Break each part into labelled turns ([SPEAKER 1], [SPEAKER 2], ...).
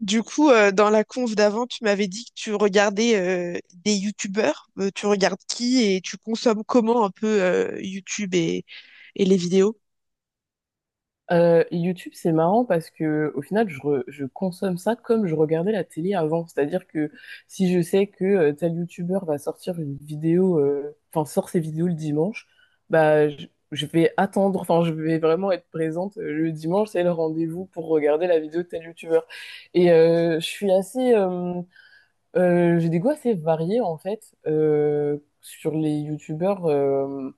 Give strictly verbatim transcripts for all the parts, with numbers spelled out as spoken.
[SPEAKER 1] Du coup, euh, dans la conf d'avant, tu m'avais dit que tu regardais euh, des youtubeurs. Euh, tu regardes qui et tu consommes comment un peu euh, YouTube et, et les vidéos?
[SPEAKER 2] Euh, YouTube, c'est marrant parce que au final, je, re- je consomme ça comme je regardais la télé avant. C'est-à-dire que si je sais que euh, tel YouTuber va sortir une vidéo, euh, enfin sort ses vidéos le dimanche, bah je, je vais attendre, enfin je vais vraiment être présente euh, le dimanche, c'est le rendez-vous pour regarder la vidéo de tel YouTuber. Et euh, je suis assez, euh, euh, j'ai des goûts assez variés en fait euh, sur les YouTubers. euh,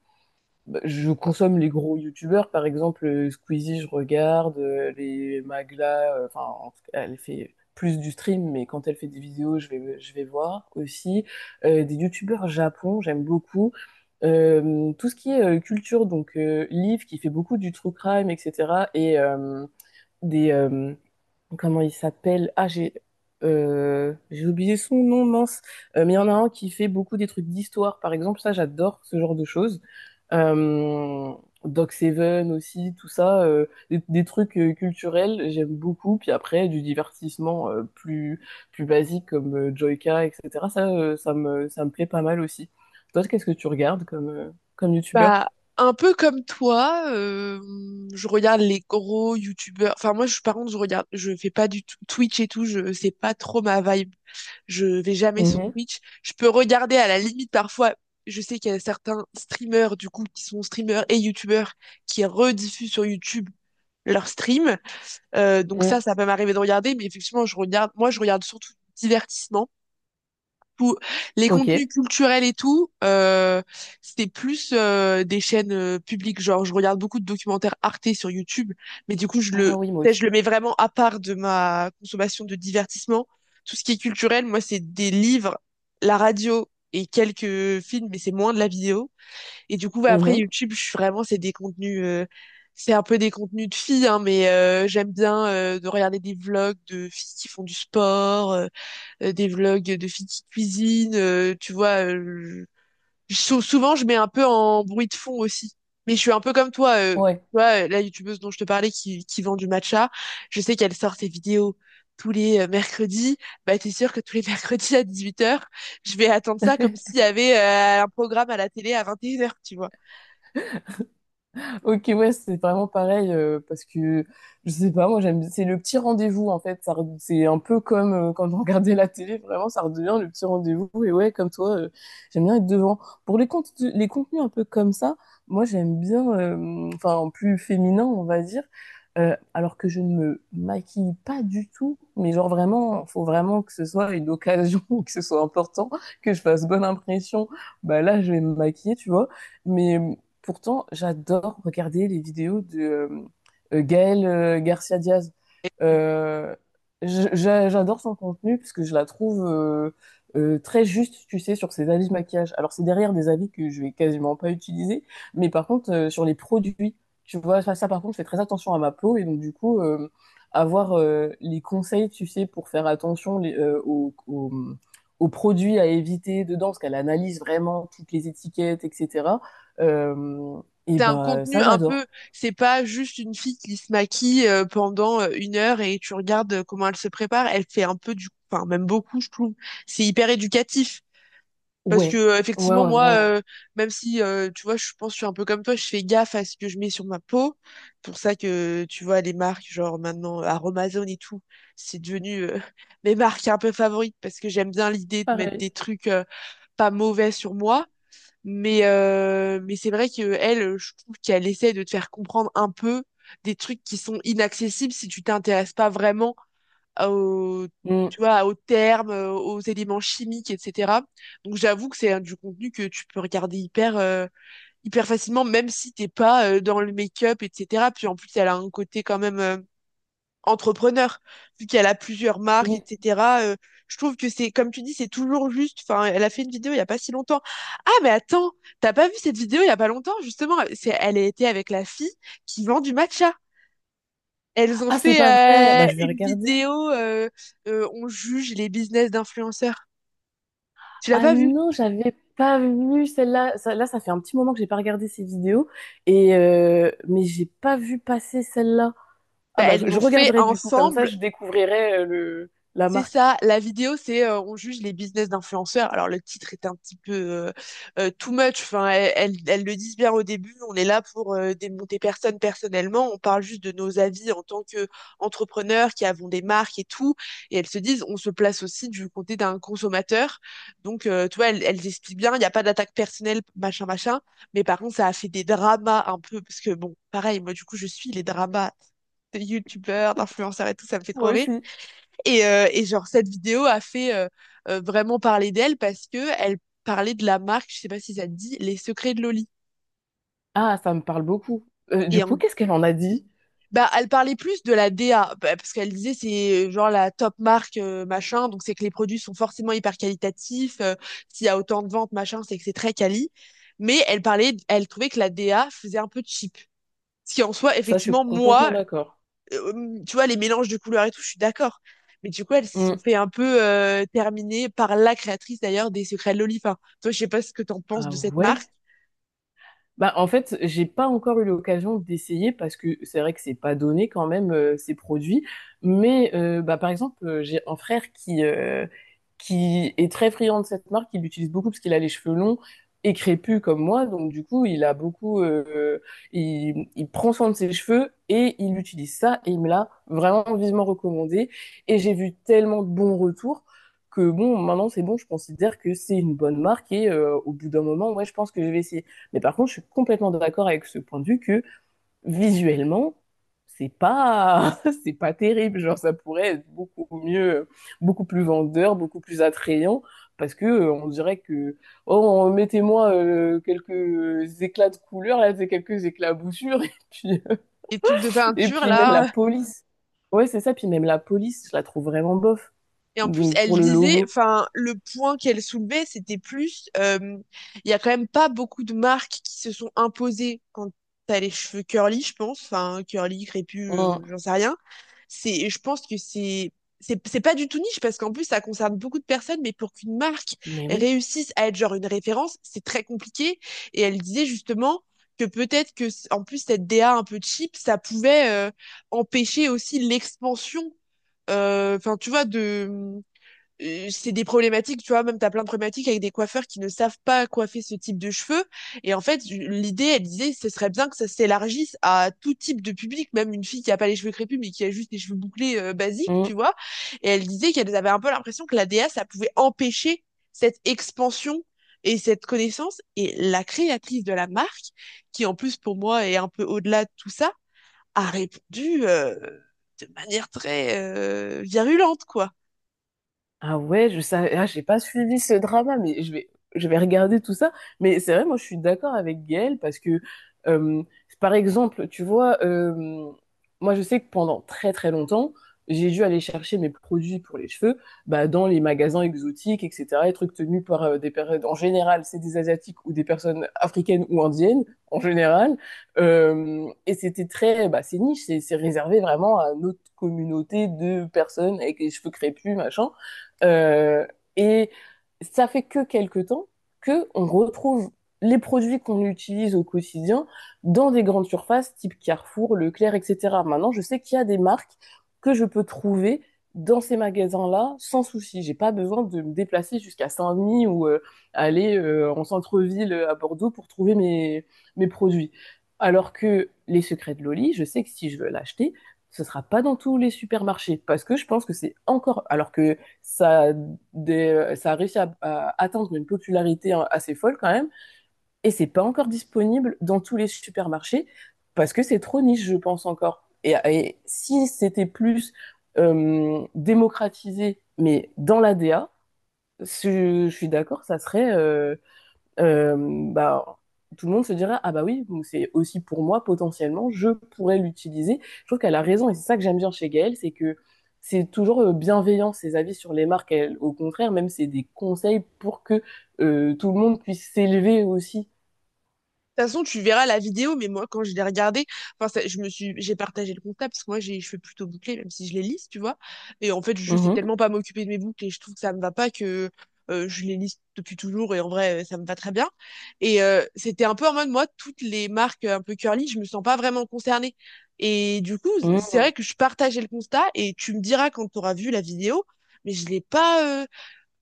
[SPEAKER 2] bah, Je consomme les gros youtubeurs, par exemple euh, Squeezie, je regarde, euh, les Magla, euh, enfin, en tout cas, elle fait plus du stream, mais quand elle fait des vidéos, je vais, je vais voir aussi. Euh, des youtubeurs japon, j'aime beaucoup. Euh, tout ce qui est euh, culture, donc euh, Liv qui fait beaucoup du true crime, et cetera. Et euh, des, euh, comment il s'appelle? Ah, j'ai euh, j'ai oublié son nom, mince. Euh, mais il y en a un qui fait beaucoup des trucs d'histoire, par exemple. Ça, j'adore ce genre de choses. Euh, Doc Seven aussi, tout ça, euh, des, des trucs euh, culturels, j'aime beaucoup. Puis après, du divertissement euh, plus plus basique comme euh, Joyka, et cetera. Ça, euh, ça me ça me plaît pas mal aussi. Toi, qu'est-ce que tu regardes comme euh, comme youtubeur?
[SPEAKER 1] Bah, un peu comme toi, euh, je regarde les gros youtubeurs. Enfin, moi, je, par contre, je regarde, je fais pas du tout Twitch et tout, je, c'est pas trop ma vibe. Je vais jamais sur
[SPEAKER 2] Mhm.
[SPEAKER 1] Twitch. Je peux regarder à la limite parfois. Je sais qu'il y a certains streamers, du coup, qui sont streamers et youtubeurs qui rediffusent sur YouTube leurs streams. Euh, donc
[SPEAKER 2] Mm.
[SPEAKER 1] ça, ça peut m'arriver de regarder, mais effectivement, je regarde, moi, je regarde surtout du divertissement. Pour les
[SPEAKER 2] Ok.
[SPEAKER 1] contenus culturels et tout, euh, c'était plus euh, des chaînes euh, publiques. Genre, je regarde beaucoup de documentaires Arte sur YouTube, mais du coup, je le,
[SPEAKER 2] Ah oui, moi
[SPEAKER 1] tu sais,
[SPEAKER 2] aussi.
[SPEAKER 1] je le mets vraiment à part de ma consommation de divertissement. Tout ce qui est culturel, moi, c'est des livres, la radio et quelques films, mais c'est moins de la vidéo. Et du coup, ouais, après
[SPEAKER 2] Mhm.
[SPEAKER 1] YouTube, je suis vraiment, c'est des contenus, euh, c'est un peu des contenus de filles, hein, mais euh, j'aime bien euh, de regarder des vlogs de filles qui font du sport, euh, euh, des vlogs de filles qui cuisinent, euh, tu vois. euh, je- sou- souvent, je mets un peu en bruit de fond aussi. Mais je suis un peu comme toi, euh, tu
[SPEAKER 2] Ouais.
[SPEAKER 1] vois, euh, la youtubeuse dont je te parlais qui, qui vend du matcha, je sais qu'elle sort ses vidéos tous les euh, mercredis. Bah, t'es sûr que tous les mercredis à dix-huit heures, je vais attendre ça comme s'il y avait euh, un programme à la télé à vingt et une heures, tu vois.
[SPEAKER 2] Ok, ouais, c'est vraiment pareil euh, parce que je sais pas, moi j'aime, c'est le petit rendez-vous en fait. Ça, re- c'est un peu comme euh, quand on regardait la télé, vraiment, ça redevient le petit rendez-vous. Et ouais, comme toi, euh, j'aime bien être devant. Pour les contenus, les contenus un peu comme ça, moi j'aime bien, euh, enfin plus féminin, on va dire. Euh, alors que je ne me maquille pas du tout, mais genre vraiment, faut vraiment que ce soit une occasion, que ce soit important, que je fasse bonne impression. Bah là, je vais me maquiller, tu vois. Mais Pourtant, j'adore regarder les vidéos de euh, euh, Gaël euh, Garcia Diaz. Euh, j- j'a- j'adore son contenu parce que je la trouve euh, euh, très juste, tu sais, sur ses avis de maquillage. Alors, c'est derrière des avis que je vais quasiment pas utiliser, mais par contre, euh, sur les produits, tu vois, ça, ça, par contre, je fais très attention à ma peau et donc, du coup, euh, avoir euh, les conseils, tu sais, pour faire attention les- euh, aux, aux, aux produits à éviter dedans, parce qu'elle analyse vraiment toutes les étiquettes, et cetera. Euh, et
[SPEAKER 1] T'as un
[SPEAKER 2] ben
[SPEAKER 1] contenu
[SPEAKER 2] ça,
[SPEAKER 1] un peu,
[SPEAKER 2] j'adore.
[SPEAKER 1] c'est pas juste une fille qui se maquille euh, pendant euh, une heure et tu regardes euh, comment elle se prépare. Elle fait un peu du, enfin même beaucoup, je trouve. C'est hyper éducatif parce que
[SPEAKER 2] Ouais,
[SPEAKER 1] euh,
[SPEAKER 2] ouais,
[SPEAKER 1] effectivement
[SPEAKER 2] ouais,
[SPEAKER 1] moi,
[SPEAKER 2] vraiment.
[SPEAKER 1] euh, même si euh, tu vois, je pense que je suis un peu comme toi, je fais gaffe à ce que je mets sur ma peau. Pour ça que tu vois les marques genre maintenant Aromazone et tout, c'est devenu euh, mes marques un peu favorites parce que j'aime bien l'idée de mettre
[SPEAKER 2] Pareil.
[SPEAKER 1] des trucs euh, pas mauvais sur moi. Mais, euh, mais c'est vrai que elle, euh, je trouve qu'elle essaie de te faire comprendre un peu des trucs qui sont inaccessibles si tu t'intéresses pas vraiment au,
[SPEAKER 2] Mm.
[SPEAKER 1] tu vois, aux termes, euh, aux éléments chimiques, et cetera. Donc j'avoue que c'est euh, du contenu que tu peux regarder hyper, euh, hyper facilement, même si t'es pas euh, dans le make-up, et cetera. Puis en plus, elle a un côté quand même euh, entrepreneur, vu qu'elle a plusieurs marques,
[SPEAKER 2] Oui.
[SPEAKER 1] et cetera euh, je trouve que c'est, comme tu dis, c'est toujours juste. Enfin, elle a fait une vidéo il y a pas si longtemps. Ah, mais attends, t'as pas vu cette vidéo il y a pas longtemps, justement. C'est, elle était avec la fille qui vend du matcha. Elles ont
[SPEAKER 2] Ah, c'est
[SPEAKER 1] fait
[SPEAKER 2] pas vrai. Bah,
[SPEAKER 1] euh,
[SPEAKER 2] je vais
[SPEAKER 1] une
[SPEAKER 2] regarder.
[SPEAKER 1] vidéo, euh, euh, on juge les business d'influenceurs. Tu l'as
[SPEAKER 2] Ah
[SPEAKER 1] pas vu?
[SPEAKER 2] non, j'avais pas vu celle-là. Ça- là, ça fait un petit moment que j'ai pas regardé ces vidéos. Et euh, mais j'ai pas vu passer celle-là. Ah
[SPEAKER 1] Bah,
[SPEAKER 2] bah,
[SPEAKER 1] elles
[SPEAKER 2] je
[SPEAKER 1] ont fait
[SPEAKER 2] regarderai du coup. Comme ça,
[SPEAKER 1] ensemble.
[SPEAKER 2] je découvrirai euh, le la
[SPEAKER 1] C'est
[SPEAKER 2] marque.
[SPEAKER 1] ça, la vidéo, c'est euh, on juge les business d'influenceurs. Alors le titre est un petit peu euh, euh, too much. Enfin, elles, elles- elles le disent bien au début. On est là pour euh, démonter personne personnellement. On parle juste de nos avis en tant qu'entrepreneurs qui avons des marques et tout. Et elles se disent, on se place aussi du côté d'un consommateur. Donc, euh, tu vois, elles, elles expliquent bien. Il n'y a pas d'attaque personnelle, machin, machin. Mais par contre, ça a fait des dramas un peu parce que bon, pareil, moi du coup, je suis les dramas de youtubeurs, d'influenceurs et tout, ça me fait trop
[SPEAKER 2] Moi
[SPEAKER 1] rire.
[SPEAKER 2] aussi.
[SPEAKER 1] Et, euh, et genre, cette vidéo a fait euh, euh, vraiment parler d'elle parce que elle parlait de la marque, je sais pas si ça te dit, Les Secrets de Loli.
[SPEAKER 2] Ah, ça me parle beaucoup. Euh, du
[SPEAKER 1] Et
[SPEAKER 2] coup,
[SPEAKER 1] en-
[SPEAKER 2] qu'est-ce qu'elle en a dit?
[SPEAKER 1] bah, elle parlait plus de la D A, bah, parce qu'elle disait c'est euh, genre la top marque, euh, machin, donc c'est que les produits sont forcément hyper qualitatifs, euh, s'il y a autant de ventes, machin, c'est que c'est très quali. Mais elle parlait, elle trouvait que la D A faisait un peu cheap. Ce qui en soi,
[SPEAKER 2] Ça, je suis
[SPEAKER 1] effectivement,
[SPEAKER 2] complètement
[SPEAKER 1] moi,
[SPEAKER 2] d'accord.
[SPEAKER 1] euh, tu vois, les mélanges de couleurs et tout, je suis d'accord. Mais du coup, elles se sont
[SPEAKER 2] Mm.
[SPEAKER 1] fait un peu euh, terminer par la créatrice d'ailleurs des Secrets de Loli. Enfin, toi, je sais pas ce que t'en penses
[SPEAKER 2] Ah
[SPEAKER 1] de cette
[SPEAKER 2] ouais.
[SPEAKER 1] marque.
[SPEAKER 2] Bah, en fait, j'ai pas encore eu l'occasion d'essayer parce que c'est vrai que c'est pas donné quand même euh, ces produits. Mais euh, bah, par exemple, euh, j'ai un frère qui euh, qui est très friand de cette marque, il l'utilise beaucoup parce qu'il a les cheveux longs et crépus comme moi, donc du coup, il a beaucoup, euh, il, il prend soin de ses cheveux et il utilise ça et il me l'a vraiment vivement recommandé. Et j'ai vu tellement de bons retours que bon, maintenant c'est bon, je considère que c'est une bonne marque et euh, au bout d'un moment, ouais, je pense que je vais essayer. Mais par contre, je suis complètement d'accord avec ce point de vue que visuellement, c'est pas c'est pas terrible, genre ça pourrait être beaucoup mieux, beaucoup plus vendeur, beaucoup plus attrayant, parce que euh, on dirait que oh mettez-moi euh, quelques éclats de couleurs, là c'est quelques éclaboussures et puis euh,
[SPEAKER 1] Les trucs de
[SPEAKER 2] et
[SPEAKER 1] peinture,
[SPEAKER 2] puis même la
[SPEAKER 1] là.
[SPEAKER 2] police. Ouais, c'est ça, puis même la police je la trouve vraiment bof,
[SPEAKER 1] Et en plus,
[SPEAKER 2] donc
[SPEAKER 1] elle
[SPEAKER 2] pour le
[SPEAKER 1] disait,
[SPEAKER 2] logo.
[SPEAKER 1] enfin, le point qu'elle soulevait, c'était plus, euh, il y a quand même pas beaucoup de marques qui se sont imposées quand t'as les cheveux curly, je pense, enfin, curly, crépus,
[SPEAKER 2] Mm.
[SPEAKER 1] euh, j'en sais rien. C'est, je pense que c'est, c'est, c'est pas du tout niche parce qu'en plus, ça concerne beaucoup de personnes, mais pour qu'une marque
[SPEAKER 2] Mais oui.
[SPEAKER 1] réussisse à être genre une référence, c'est très compliqué. Et elle disait justement que peut-être que, c- en plus, cette D A un peu cheap, ça pouvait euh, empêcher aussi l'expansion, euh, enfin, tu vois, de euh, c'est des problématiques, tu vois, même t'as plein de problématiques avec des coiffeurs qui ne savent pas coiffer ce type de cheveux. Et en fait, l'idée, elle disait, ce serait bien que ça s'élargisse à tout type de public, même une fille qui a pas les cheveux crépus, mais qui a juste les cheveux bouclés euh, basiques,
[SPEAKER 2] Mm.
[SPEAKER 1] tu vois. Et elle disait qu'elle avait un peu l'impression que la D A, ça pouvait empêcher cette expansion et cette connaissance. Et la créatrice de la marque, qui en plus pour moi est un peu au-delà de tout ça, a répondu euh, de manière très euh, virulente, quoi.
[SPEAKER 2] Ah ouais, je savais, ah, j'ai pas suivi ce drama, mais je vais, je vais regarder tout ça. Mais c'est vrai, moi, je suis d'accord avec Gaëlle parce que, euh, par exemple, tu vois, euh, moi, je sais que pendant très très longtemps, j'ai dû aller chercher mes produits pour les cheveux, bah, dans les magasins exotiques, et cetera, les trucs tenus par euh, des personnes, en général, c'est des Asiatiques ou des personnes africaines ou indiennes, en général. Euh, et c'était très, bah, c'est niche, c'est c'est réservé vraiment à notre communauté de personnes avec les cheveux crépus, machin. Euh, et ça fait que quelque temps que on retrouve les produits qu'on utilise au quotidien dans des grandes surfaces type Carrefour, Leclerc, et cetera. Maintenant, je sais qu'il y a des marques que je peux trouver dans ces magasins-là sans souci. J'ai pas besoin de me déplacer jusqu'à Saint-Denis ou euh, aller euh, en centre-ville euh, à Bordeaux pour trouver mes, mes produits. Alors que les secrets de Loli, je sais que si je veux l'acheter, ce sera pas dans tous les supermarchés parce que je pense que c'est encore, alors que ça a, des, ça a réussi à, à atteindre une popularité, hein, assez folle quand même, et c'est pas encore disponible dans tous les supermarchés parce que c'est trop niche, je pense encore. Et, et si c'était plus euh, démocratisé, mais dans la l'A D A, je, je suis d'accord, ça serait euh, euh, bah, tout le monde se dirait ah bah oui c'est aussi pour moi, potentiellement je pourrais l'utiliser. Je trouve qu'elle a raison et c'est ça que j'aime bien chez Gaëlle, c'est que c'est toujours euh, bienveillant ses avis sur les marques, elle, au contraire même c'est des conseils pour que euh, tout le monde puisse s'élever aussi.
[SPEAKER 1] De toute façon, tu verras la vidéo, mais moi, quand je l'ai regardée, enfin, ça- je me suis, j'ai partagé le constat parce que moi, j'ai les cheveux plutôt bouclés, même si je les lisse, tu vois. Et en fait, je sais
[SPEAKER 2] Mhm.
[SPEAKER 1] tellement pas m'occuper de mes boucles et je trouve que ça me va pas que euh, je les lisse depuis toujours et en vrai, euh, ça me va très bien. Et euh, c'était un peu en mode, moi, toutes les marques un peu curly, je me sens pas vraiment concernée. Et du coup, c'est vrai
[SPEAKER 2] Mhm.
[SPEAKER 1] que je partageais le constat et tu me diras quand tu auras vu la vidéo, mais je l'ai pas, euh,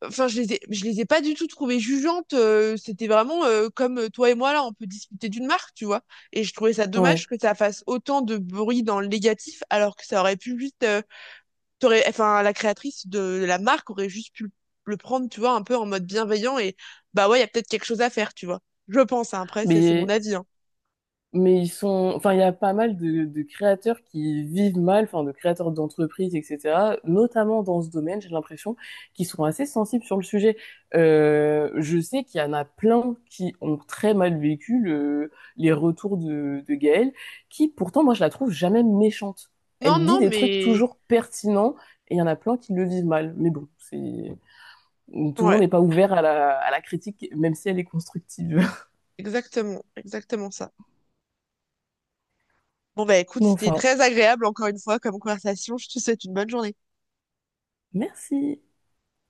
[SPEAKER 1] enfin, je les ai, je les ai pas du tout trouvées jugeantes. euh, c'était vraiment euh, comme euh, toi et moi là, on peut discuter d'une marque, tu vois. Et je trouvais ça
[SPEAKER 2] Ouais.
[SPEAKER 1] dommage que ça fasse autant de bruit dans le négatif, alors que ça aurait pu juste, euh, t'aurais, enfin, la créatrice de la marque aurait juste pu le prendre, tu vois, un peu en mode bienveillant et bah ouais, il y a peut-être quelque chose à faire, tu vois. Je pense, hein. Après, c'est c'est mon
[SPEAKER 2] mais
[SPEAKER 1] avis, hein.
[SPEAKER 2] Mais ils sont, enfin, il y a pas mal de, de créateurs qui vivent mal, enfin, de créateurs d'entreprises, et cetera, notamment dans ce domaine, j'ai l'impression, qu'ils sont assez sensibles sur le sujet. Euh, je sais qu'il y en a plein qui ont très mal vécu le, les retours de, de Gaëlle, qui pourtant, moi, je la trouve jamais méchante.
[SPEAKER 1] Non,
[SPEAKER 2] Elle dit
[SPEAKER 1] non,
[SPEAKER 2] des trucs
[SPEAKER 1] mais
[SPEAKER 2] toujours pertinents, et il y en a plein qui le vivent mal. Mais bon, c'est, tout le
[SPEAKER 1] ouais,
[SPEAKER 2] monde n'est pas ouvert à la, à la critique, même si elle est constructive.
[SPEAKER 1] exactement, exactement ça. Bon bah écoute,
[SPEAKER 2] Mais
[SPEAKER 1] c'était
[SPEAKER 2] enfin,
[SPEAKER 1] très agréable encore une fois comme conversation. Je te souhaite une bonne journée.
[SPEAKER 2] merci.